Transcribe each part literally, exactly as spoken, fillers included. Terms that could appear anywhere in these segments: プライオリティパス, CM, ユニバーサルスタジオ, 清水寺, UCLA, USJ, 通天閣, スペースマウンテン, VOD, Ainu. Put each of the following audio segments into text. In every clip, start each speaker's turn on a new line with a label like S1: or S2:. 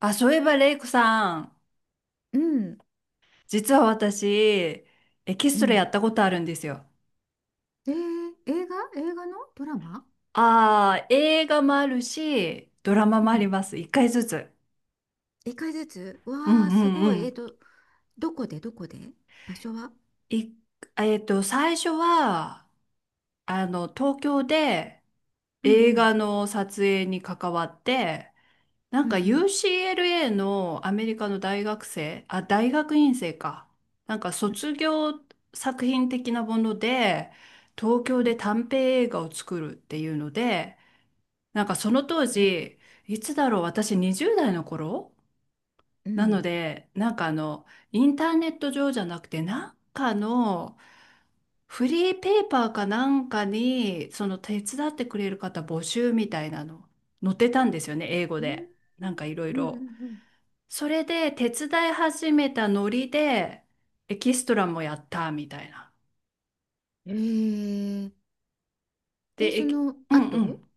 S1: あ、そういえば、レイコさん、
S2: うん、
S1: 実は私、エキ
S2: う
S1: ストラや
S2: ん。
S1: ったことあるんですよ。
S2: えー、映画映画のドラマ。
S1: ああ、映画もあるし、ドラマ
S2: う
S1: もあり
S2: ん。
S1: ます。一回ずつ。
S2: いっかいずつ。
S1: うんう
S2: わあ、す
S1: んう
S2: ごい。えっ
S1: ん。
S2: と、どこでどこで、場所は？
S1: い、えっと、最初は、あの、東京で
S2: うんう
S1: 映
S2: ん。
S1: 画の撮影に関わって、な
S2: う
S1: ん
S2: んう
S1: か
S2: ん。
S1: ユーシーエルエー のアメリカの大学生、あ、大学院生か。なんか卒業作品的なもので、東
S2: う
S1: 京
S2: ん、
S1: で短編映画を作るっていうので、なんかその当
S2: え
S1: 時、いつだろう、私にじゅうだい代の頃
S2: う
S1: なの
S2: ん。
S1: で、なんかあの、インターネット上じゃなくて、なんかのフリーペーパーかなんかに、その手伝ってくれる方募集みたいなの、載ってたんですよね、英語
S2: う
S1: で。
S2: ん
S1: なんかいろい
S2: うん
S1: ろ。
S2: うん
S1: それで手伝い始めたノリでエキストラもやったみたいな。
S2: うん。えー、で、
S1: で、
S2: そ
S1: えき
S2: の
S1: うんう
S2: 後。
S1: ん。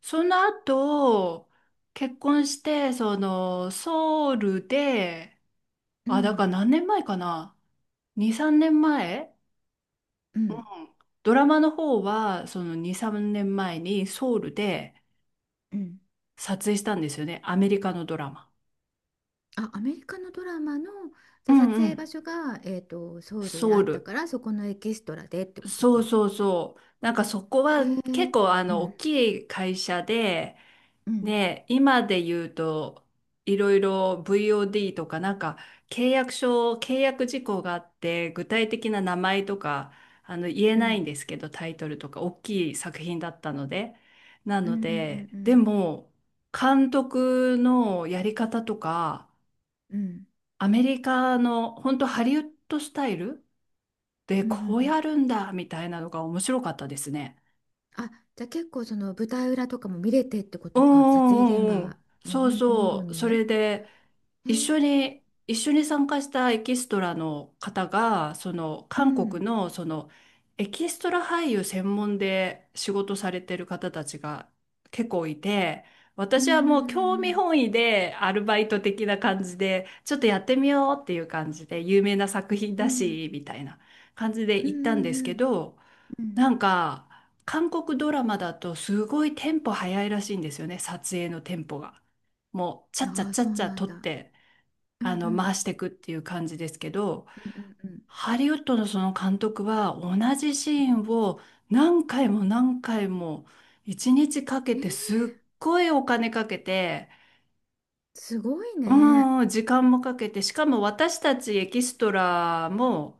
S1: その後、結婚して、その、ソウルで、
S2: う
S1: あ、だから
S2: ん
S1: 何年前かな？ に、さんねんまえ。
S2: う
S1: う
S2: ん
S1: ん。ドラマの方は、そのに、さんねんまえにソウルで
S2: うん。
S1: 撮影したんですよね。アメリカのドラマ。
S2: あ、アメリカのドラマの、じ
S1: う
S2: ゃあ撮
S1: んう
S2: 影
S1: ん。
S2: 場所が、えっと、ソウルで
S1: ソ
S2: あ
S1: ウ
S2: った
S1: ル。
S2: から、そこのエキストラでってこと
S1: そう
S2: か。
S1: そうそう。なんかそこ
S2: え
S1: は結
S2: ー、
S1: 構あ
S2: う
S1: の大
S2: ん
S1: きい会社で、
S2: うん
S1: ね、今で言うといろいろ ブイオーディー とかなんか契約書、契約事項があって、具体的な名前とかあの言え
S2: うんう
S1: ない
S2: ん
S1: んですけど、タイトルとか大きい作品だったので。な
S2: う
S1: の
S2: んう
S1: で、
S2: んうんう
S1: で
S2: ん。
S1: も監督のやり方とか、
S2: うん。
S1: アメリカの本当ハリウッドスタイルで、
S2: うんうんう
S1: こうや
S2: ん。
S1: るんだみたいなのが面白かったですね。
S2: あ、じゃあ結構その舞台裏とかも見れてってこ
S1: うん
S2: とか、撮影
S1: うん
S2: 現
S1: うんう
S2: 場
S1: ん。
S2: もう
S1: そ
S2: ほ
S1: う
S2: んともろ
S1: そう。そ
S2: に。
S1: れで、
S2: へえ。
S1: 一緒に、一緒に参加したエキストラの方が、その、
S2: う
S1: 韓国
S2: ん。
S1: の、その、エキストラ俳優専門で仕事されてる方たちが結構いて、
S2: うん
S1: 私
S2: う
S1: はもう興味
S2: ん
S1: 本位でアルバイト的な感じで、ちょっとやってみようっていう感じで、有名な作品
S2: うん
S1: だ
S2: うん。うん
S1: し、みたいな感じで
S2: うん
S1: 行ったん
S2: う
S1: です
S2: ん
S1: けど、
S2: うん。うん。
S1: なんか、韓国ドラマだとすごいテンポ早いらしいんですよね、撮影のテンポが。もう、ちゃっちゃっ
S2: ああ、
S1: ちゃ
S2: そ
S1: っ
S2: う
S1: ちゃ
S2: なん
S1: 撮っ
S2: だ。
S1: て、
S2: う
S1: あ
S2: んう
S1: の、回
S2: ん。
S1: していくっていう感じですけど、
S2: うんうんうん。
S1: ハリウッドのその監督は同じシーン
S2: う
S1: を何回も何回も一日かけ
S2: ん。えー、
S1: てすっごいお金かけて、
S2: すごいね。
S1: うん、時間もかけて、しかも私たちエキストラも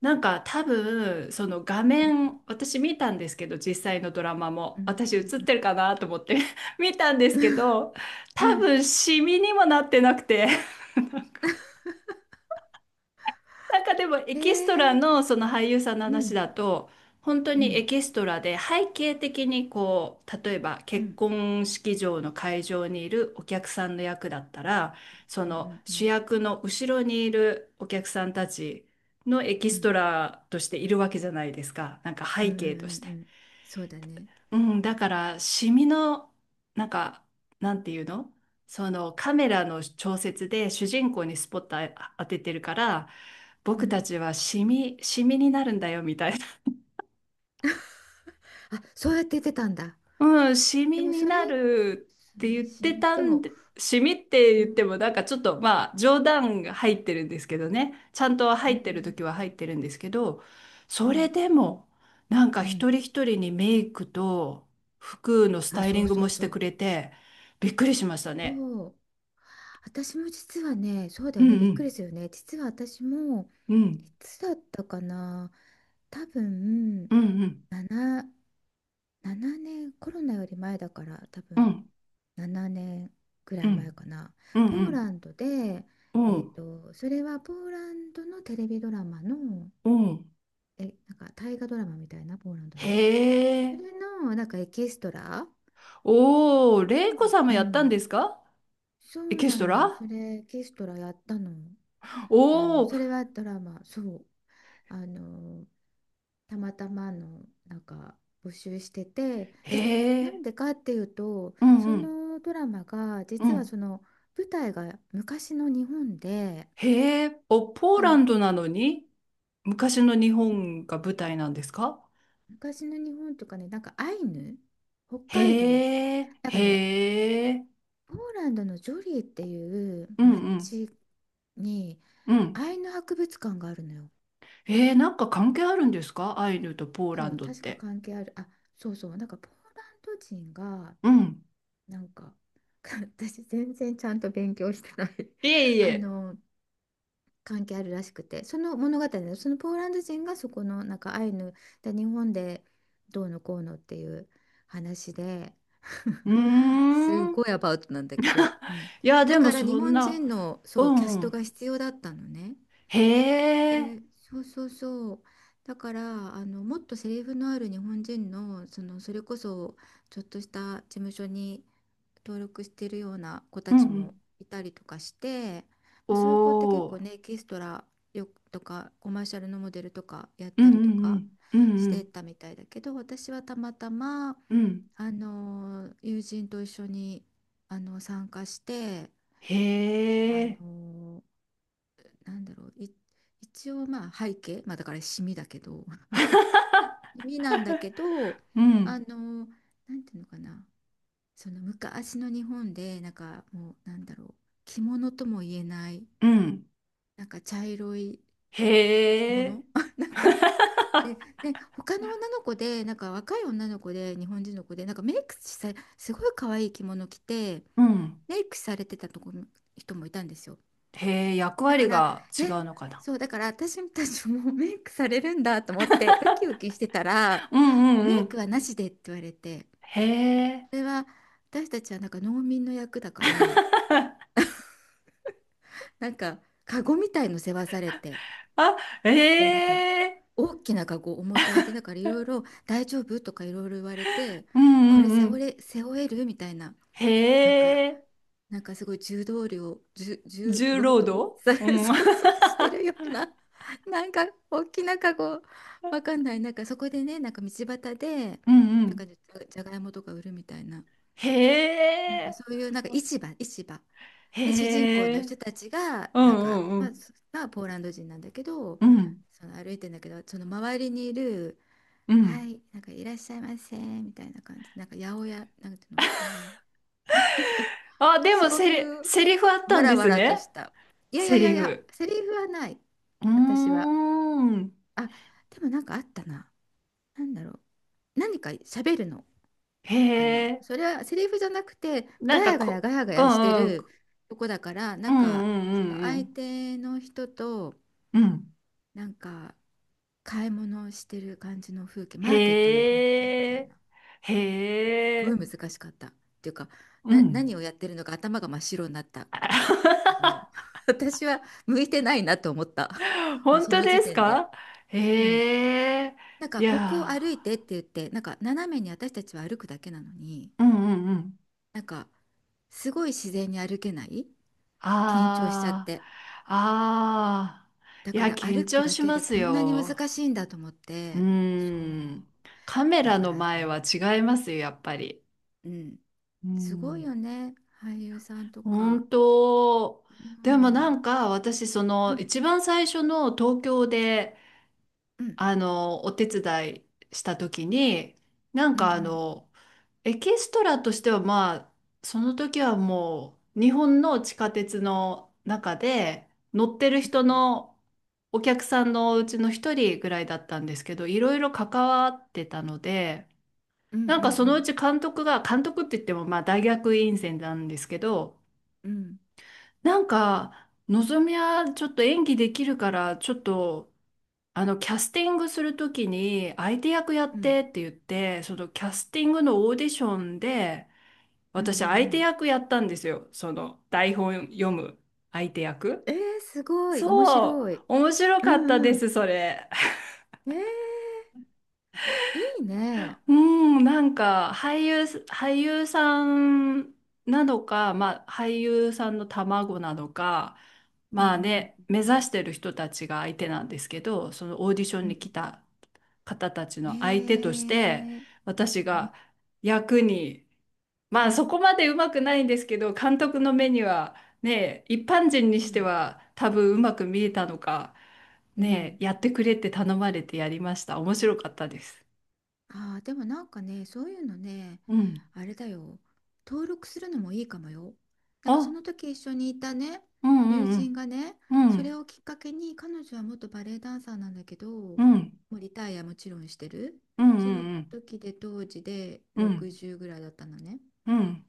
S1: なんか多分その画
S2: うん
S1: 面私見たんですけど、実際のドラマ
S2: う
S1: も
S2: ん
S1: 私映っ
S2: うん
S1: てるかなと思って 見たんですけ
S2: うん。
S1: ど、
S2: う
S1: 多
S2: ん。
S1: 分シミにもなってなくて、 なんかでもエ
S2: え
S1: キストラ
S2: ー、
S1: のその俳優さんの
S2: う
S1: 話
S2: ん
S1: だと、本当
S2: う
S1: にエ
S2: ん
S1: キストラで背景的にこう例えば
S2: うんう
S1: 結
S2: ん
S1: 婚式場の会場にいるお客さんの役だったら、そ
S2: う
S1: の
S2: んう
S1: 主
S2: ん
S1: 役の後ろにいるお客さんたちのエキ
S2: う
S1: ス
S2: ん
S1: トラとしているわけじゃないですか、なんか
S2: うん
S1: 背
S2: うんう
S1: 景として。
S2: んうん、そうだね、
S1: うん、だからシミのなんかなんていうの、そのカメラの調節で主人公にスポットあ当ててるから、
S2: う
S1: 僕た
S2: ん。
S1: ちはシミシミになるんだよみたい。
S2: あ、そうやって言ってたんだ。
S1: うん、シ
S2: で
S1: ミ
S2: も
S1: に
S2: それ、
S1: なるって言っ
S2: す、
S1: て
S2: 指名、
S1: た
S2: で
S1: ん
S2: も、
S1: で、シミって
S2: う
S1: 言って
S2: ん、
S1: もなんかちょっとまあ冗談が入ってるんですけどね、ちゃんと
S2: う
S1: 入ってる
S2: ん、
S1: 時は入ってるんですけど、
S2: う
S1: それ
S2: ん、
S1: でもなんか
S2: うん。
S1: 一人一人にメイクと服のス
S2: あ、
S1: タイリ
S2: そ
S1: ン
S2: う
S1: グ
S2: そ
S1: も
S2: う
S1: し
S2: そ
S1: てく
S2: う。
S1: れて、びっくりしました
S2: そ
S1: ね。
S2: う。私も実はね、そうだ
S1: う
S2: よ
S1: ん
S2: ね、び
S1: う
S2: っく
S1: ん
S2: りするよね。実は私も、
S1: うん
S2: いつだったかな。多分、
S1: うんうん
S2: なな、ななねん、コロナより前だから、多
S1: う
S2: 分、
S1: ん
S2: ななねんぐら
S1: う
S2: い前
S1: ん
S2: かな。
S1: うん
S2: ポ
S1: う
S2: ー
S1: ん
S2: ランドで、
S1: う
S2: えっ
S1: ん。
S2: と、それはポーランドのテレビドラマの、え、なんか大河ドラマみたいな、ポーランドの。
S1: へ
S2: そ
S1: え。
S2: れの、なんかエキストラ
S1: おー、レイコ
S2: のう
S1: さんも
S2: う
S1: やったん
S2: ん、
S1: ですか？
S2: そ
S1: エ
S2: う
S1: キス
S2: な
S1: ト
S2: のよ。
S1: ラ。
S2: それ、エキストラやったの。あの、
S1: お。
S2: それはドラマ、そう。あの、たまたまの、なんか、募集してて、
S1: へ
S2: じ、な
S1: え、
S2: んでかっていうと、
S1: うん
S2: そ
S1: うん、
S2: のドラマが、
S1: う
S2: 実は
S1: ん。
S2: その、舞台が昔の日本で、
S1: へえ、ポ、ポー
S2: なんか
S1: ラ
S2: ね、
S1: ン
S2: ほ
S1: ドなのに昔の日本が舞台なんですか？
S2: 昔の日本とかね、なんかアイヌ、北海道、
S1: へえ、
S2: なんかね、
S1: へえ、
S2: ポーランドのジョリーっていう
S1: うんうん
S2: 町に
S1: うん。
S2: 愛の博物館があるのよ。
S1: へえ、なんか関係あるんですか？アイヌとポーラ
S2: そ
S1: ン
S2: う、
S1: ドっ
S2: 確か
S1: て。
S2: 関係ある。あ、そうそう。なんかポーランド人が、
S1: うん。
S2: なんか、私全然ちゃんと勉強してない
S1: いえ い
S2: あ
S1: え。
S2: の、関係あるらしくて、その物語のそのポーランド人がそこのなんかアイヌで日本でどうのこうのっていう話で、
S1: うー
S2: すご
S1: ん。
S2: いアバウトなんだけど、うん、
S1: いや、
S2: だ
S1: でも
S2: から
S1: そ
S2: 日
S1: ん
S2: 本
S1: な、
S2: 人の
S1: う
S2: そうキャ
S1: ん
S2: ス
S1: う
S2: ト
S1: ん。
S2: が必要だったのね。
S1: へえ、
S2: で、そうそうそう。だからあのもっとセリフのある日本人の、そのそれこそちょっとした事務所に登録してるような子
S1: う
S2: た
S1: ん
S2: ち
S1: う
S2: も
S1: ん。
S2: いたりとかして、
S1: お、
S2: まあ、そういう子って結構
S1: お、
S2: ねエキストラよとかコマーシャルのモデルとかやっ
S1: う
S2: た
S1: んう
S2: りとか
S1: んうん、
S2: し
S1: う
S2: て
S1: ん
S2: たみたいだけど、私はたまたま
S1: うん、うん。
S2: あの友人と一緒にあの参加して。
S1: へ
S2: あ
S1: え、
S2: のなんだろう、い、一応まあ背景、まあだからシミだけど、シミなんだけど、
S1: う
S2: あ
S1: ん、
S2: の、なんていうのかな、その昔の日本で、なんかもう、なんだろう、着物とも言えない、
S1: うん。
S2: なんか茶色い
S1: へ
S2: 着
S1: え、
S2: 物 なんか、で、で、他の女の子で、なんか若い女の子で、日本人の子で、なんかメイクさ、すごい可愛い着物着て、
S1: うん。
S2: メイクされてたとこ、人もいたんですよ。
S1: へえ、役
S2: だか
S1: 割
S2: ら、
S1: が違
S2: え、
S1: うのかな。
S2: そう、だから私たちもメイクされるんだと思って、ウキウキしてたら、
S1: うんうん
S2: メ
S1: う
S2: イク
S1: ん。
S2: はなしでって言われて、
S1: へえ、
S2: それは私たちはなんか農民の役だから、なんか、カゴみたいの背負わされて、
S1: あ、へ
S2: で、なんか、
S1: え、
S2: 大きなカゴ重たいで、だからいろいろ大丈夫とかいろいろ言われて、
S1: うん
S2: こ
S1: う
S2: れ
S1: んう
S2: 背負
S1: ん。
S2: え、背負えるみたいな、
S1: へ
S2: なんか、
S1: え、
S2: なんかすごい重労働、重、重
S1: 重
S2: 労
S1: 労
S2: 働
S1: 働、
S2: され、
S1: う ん、うん
S2: そうそうしてるような、なんか大きなカゴ、わかんない、なんかそこでね、なんか道端で、
S1: う
S2: なんか
S1: ん。
S2: じゃ、じゃがいもとか売るみたいな、
S1: へ
S2: なんかそ
S1: え、
S2: ういう、なんか市場、市場。で、主人公
S1: へえ、う
S2: の
S1: ん
S2: 人たちが、
S1: う
S2: なんか、
S1: んう
S2: まあ、
S1: ん。
S2: そまあ、ポーランド人なんだけど、
S1: うん
S2: その歩いてんだけど、その周りにいる、
S1: う
S2: は
S1: ん。
S2: い、なんかいらっしゃいませ、みたいな感じ、なんか八百屋、なんていうの、そういう。なんか
S1: あ、でも
S2: そう
S1: セ
S2: い
S1: リ、
S2: う
S1: セリフあった
S2: わ
S1: ん
S2: ら
S1: で
S2: わ
S1: す
S2: らと
S1: ね。
S2: した。いやいや
S1: セ
S2: いや
S1: リ
S2: いや、
S1: フ。
S2: セリフはない、
S1: うー
S2: 私は。
S1: ん。ん。
S2: あ、でもなんかあったな。なんだろう。何か喋るの。
S1: へ
S2: あの、
S1: え、
S2: それはセリフじゃなくて、
S1: な
S2: ガ
S1: んか
S2: ヤガヤ
S1: こ、
S2: ガヤガ
S1: う
S2: ヤして
S1: んうん。
S2: るとこだから、な
S1: うん
S2: ん
S1: う
S2: か、その
S1: んう
S2: 相
S1: ん
S2: 手の人と、
S1: うん。うん。
S2: なんか、買い物をしてる感じの風景、マーケットの風景み
S1: へ
S2: たい
S1: え、
S2: な。す
S1: へ
S2: ごい
S1: え、
S2: 難しかった。っていうか、
S1: う
S2: な、
S1: ん。
S2: 何をやってるのか頭が真っ白になったけど、 私は向いてないなと思った、 もう
S1: 本
S2: そ
S1: 当
S2: の
S1: で
S2: 時
S1: す
S2: 点で。
S1: か？
S2: うん、
S1: へえ、
S2: なん
S1: い
S2: かここを
S1: や
S2: 歩いてって言って、なんか斜めに私たちは歩くだけなのに、
S1: ー、うんうんうん。
S2: なんかすごい自然に歩けない、緊張しちゃっ
S1: あ
S2: て、
S1: あ、ああ、
S2: だ
S1: い
S2: か
S1: や、
S2: ら
S1: 緊
S2: 歩く
S1: 張
S2: だ
S1: し
S2: け
S1: ま
S2: で
S1: す
S2: こんなに
S1: よ。
S2: 難しいんだと思っ
S1: う
S2: て。そう、
S1: ん。カメ
S2: だ
S1: ラ
S2: か
S1: の
S2: ら
S1: 前
S2: ね。
S1: は違いますよ、やっぱり。
S2: うん。
S1: う
S2: すごい
S1: ん。
S2: よね、俳優さんとか。
S1: 本当。
S2: う
S1: でもな
S2: ん、
S1: んか、私、そ
S2: うん
S1: の、
S2: う
S1: 一
S2: ん
S1: 番最初の東京で、
S2: うん
S1: あの、お手伝いした時に、なん
S2: うんう
S1: かあ
S2: ん
S1: の、エキストラとしてはまあ、その時はもう日本の地下鉄の中で乗ってる人
S2: う
S1: のお客さんのうちの一人ぐらいだったんですけど、いろいろ関わってたので、
S2: んうんう
S1: なんかそのう
S2: ん
S1: ち監督が、監督って言ってもまあ大学院生なんですけど、
S2: うんうん
S1: なんか、のぞみはちょっと演技できるから、ちょっと、あの、キャスティングするときに、相手役やっ
S2: うん
S1: てって言って、そのキャスティングのオーディションで、
S2: うんうんう
S1: 私、
S2: んう
S1: 相手
S2: ん。
S1: 役やったんですよ。その、台本読む相手役。
S2: えー、すごい、面
S1: そう、
S2: 白い。
S1: 面白
S2: う
S1: か
S2: ん
S1: ったで
S2: う
S1: す、
S2: ん。
S1: それ。
S2: えー、いいね。
S1: うん、なんか、俳優、俳優さんなのか、まあ、俳優さんの卵なのか、
S2: うんう
S1: まあ
S2: んうん
S1: ね、目指
S2: うん
S1: してる人たちが相手なんですけど、そのオーディショ
S2: う
S1: ンに
S2: ん
S1: 来た方たち
S2: うん。
S1: の相手として、
S2: えー、
S1: 私
S2: うん
S1: が役に、まあそこまでうまくないんですけど、監督の目にはね、一般人に
S2: う
S1: して
S2: ん
S1: は多分うまく見えたのか、
S2: う
S1: ね、
S2: ん。
S1: やってくれって頼まれてやりました。面白かったです。
S2: ああ、でもなんかね、そういうのね、
S1: うん。
S2: あれだよ、登録するのもいいかもよ。なんかそ
S1: あ、
S2: の時一緒にいたね、
S1: う
S2: 友
S1: んう
S2: 人
S1: ん
S2: がね、
S1: うん。う
S2: それ
S1: ん。
S2: をきっかけに、彼女は元バレエダンサーなんだけど、も
S1: うん。
S2: うリタイアもちろんしてる。
S1: うん
S2: その
S1: うん
S2: 時で当時で
S1: うん。うん。
S2: ろくじゅうぐらいだったのね。
S1: うん。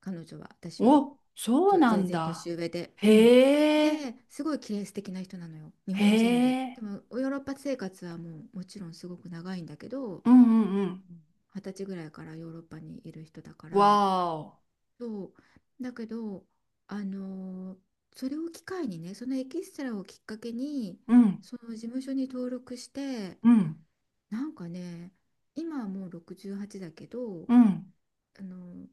S2: 彼女は私より
S1: お、そ
S2: ち
S1: う
S2: ょ
S1: な
S2: 全
S1: ん
S2: 然
S1: だ。
S2: 年上で、うん、
S1: へえ。
S2: ですごい綺麗、素敵な人なのよ、日
S1: へ
S2: 本人で、
S1: え。
S2: でもヨーロッパ生活はもうもちろんすごく長いんだけど、
S1: うんうんうん。お、そうなんだ。へえへえ、うんうんうん。
S2: うん、はたちぐらいからヨーロッパにいる人だから。
S1: わ
S2: そうだけど、あのーそれを機会にね、そのエキストラをきっかけに、
S1: ー、お。うん。
S2: その事務所に登録して、
S1: うん。
S2: なんかね、今はもうろくじゅうはちだけど、
S1: うん。
S2: あのー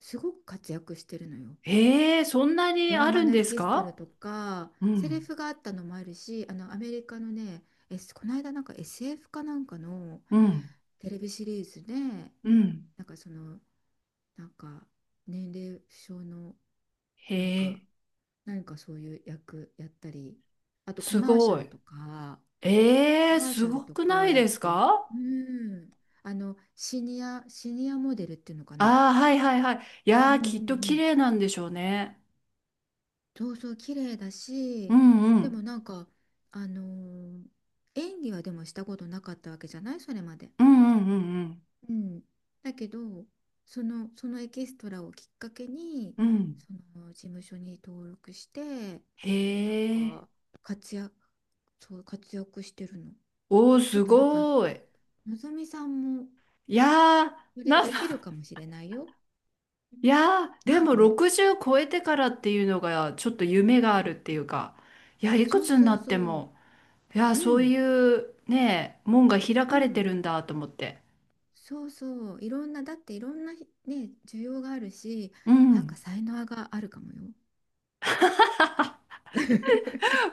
S2: すごく活躍してるのよ。
S1: へえ、そんなに
S2: ドラ
S1: あ
S2: マ
S1: るん
S2: のエ
S1: です
S2: キストラ
S1: か？
S2: とか
S1: う
S2: セリ
S1: ん、
S2: フがあったのもあるし、あのアメリカのね、S、この間なんか エスエフ かなんかの
S1: うん、
S2: テレビシリーズで、
S1: うん。
S2: なんかそのなんか年齢不詳の、
S1: へ
S2: なんか
S1: え、
S2: 何かそういう役やったり、あとコ
S1: す
S2: マーシャ
S1: ご
S2: ル
S1: い。
S2: とか
S1: ええ、
S2: コマーシ
S1: す
S2: ャル
S1: ご
S2: と
S1: くな
S2: か
S1: い
S2: やっ
S1: です
S2: て、
S1: か？
S2: うん、あのシニアシニアモデルっていうのかな。
S1: ああー、はいはいはい。い
S2: う
S1: や
S2: ん
S1: ー、
S2: うん
S1: きっと
S2: う
S1: 綺
S2: ん、
S1: 麗なんでしょうね。
S2: そうそう綺麗だ
S1: う
S2: し、
S1: んう
S2: でも
S1: ん。
S2: なんかあのー演技はでもしたことなかったわけじゃない、それまで。
S1: うんうんうん
S2: うん、だけど、その、そのエキストラをきっかけに、
S1: うん。うん。
S2: その事務所に登録して、
S1: へ
S2: なん
S1: え。
S2: か活躍、そう活躍してるの。
S1: おー、
S2: ちょっ
S1: す
S2: となんかの、
S1: ごい。
S2: のぞみさんも
S1: いやー、
S2: それ
S1: なん
S2: できる
S1: か
S2: かもしれないよ。
S1: いやー、で
S2: なん
S1: も
S2: で、
S1: ろくじゅう超えてからっていうのが、ちょっと夢があるっていうか、いや、いく
S2: そう
S1: つに
S2: そ
S1: な
S2: う
S1: って
S2: そ
S1: も。いや、
S2: う、う
S1: そう
S2: ん
S1: いうね、門が開
S2: う
S1: かれて
S2: ん。
S1: るんだと思って。
S2: そうそう、いろんな、だっていろんなね、需要があるし、
S1: う
S2: なん
S1: ん。
S2: か才能があるかもよ。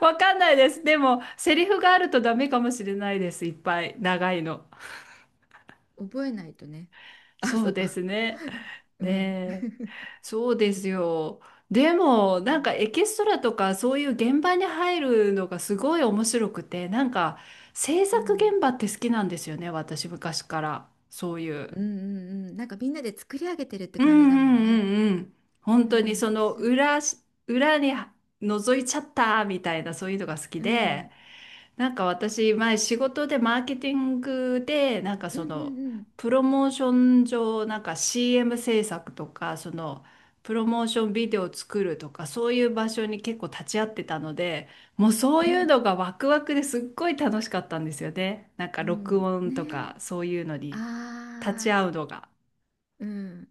S1: わ かんないです。でも、セリフがあるとダメかもしれないです。いっぱい。長いの。
S2: 覚えないとね。あ、
S1: そ
S2: そ
S1: う
S2: う
S1: で
S2: か。
S1: すね。
S2: う
S1: ね
S2: ん。
S1: え。そうですよ。でも、なんかエキストラとかそういう現場に入るのがすごい面白くて、なんか制
S2: う
S1: 作
S2: ん。
S1: 現場って好きなんですよね。私昔から。そういう。
S2: うんうんうん。なんかみんなで作り上げてるって
S1: うん
S2: 感じだも
S1: う
S2: んね。
S1: んうんうん。本
S2: う
S1: 当にそ
S2: ん。
S1: の
S2: す、うん。
S1: 裏し、裏に覗いちゃったみたいなそういうのが好き
S2: う
S1: で、
S2: ん
S1: なんか私前仕事でマーケティングでなんか
S2: う
S1: そ
S2: ん
S1: の
S2: うん。
S1: プロモーション上なんか シーエム 制作とかそのプロモーションビデオを作るとかそういう場所に結構立ち会ってたので、もうそう
S2: う
S1: いう
S2: ん。
S1: のがワクワクですっごい楽しかったんですよね。なんか
S2: う
S1: 録
S2: ん。
S1: 音とか
S2: ね
S1: そういうのに立ち
S2: あ
S1: 会うのが。
S2: あー。うん。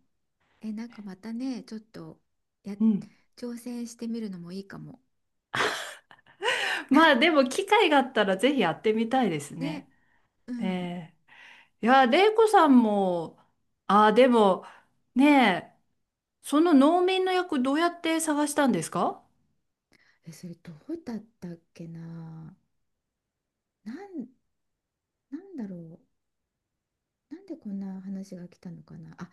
S2: え、なんかまたね、ちょっと、や、
S1: うん。
S2: 挑戦してみるのもいいかも。
S1: まあでも機会があったらぜひやってみたいですね。
S2: ね。うん。
S1: ねえ。いや、玲子さんも、ああ、でも、ねえ、その農民の役どうやって探したんですか？
S2: え、それどうだったっけな。なん、なんだろう。なんでこんな話が来たのかな。あ、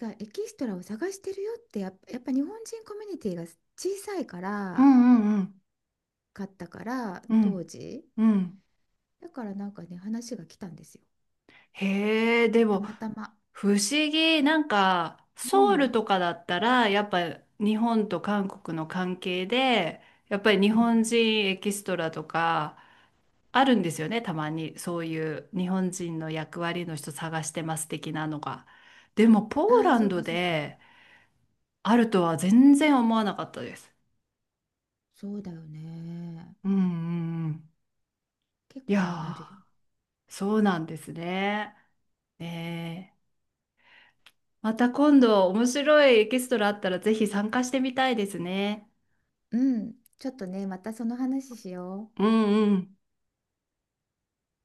S2: 違う。エキストラを探してるよってやっぱ、やっぱ日本人コミュニティが小さいか
S1: う
S2: ら、
S1: んうんうん。
S2: かったから、
S1: う
S2: 当
S1: ん
S2: 時。
S1: うん。
S2: だからなんかね、話が来たんですよ。
S1: へえ、で
S2: た
S1: も、
S2: またま。
S1: 不思議。なんか、
S2: うん。う
S1: ソウル
S2: ん
S1: とかだったら、やっぱ日本と韓国の関係で、やっぱり日
S2: う
S1: 本
S2: ん。
S1: 人エキストラとか、あるんですよね、たまに。そういう日本人の役割の人探してます的なのが。でも、ポー
S2: ああ、
S1: ラ
S2: そ
S1: ン
S2: う
S1: ド
S2: かそうか。
S1: であるとは全然思わなかったです。
S2: そうだよね。
S1: うんうんうん。
S2: 結
S1: い
S2: 構ね、ある
S1: や
S2: よ。
S1: ー、そうなんですね。ねえ、また今度面白いエキストラあったらぜひ参加してみたいですね。
S2: うん。ちょっとね、またその話しよ
S1: う
S2: う。
S1: んうん。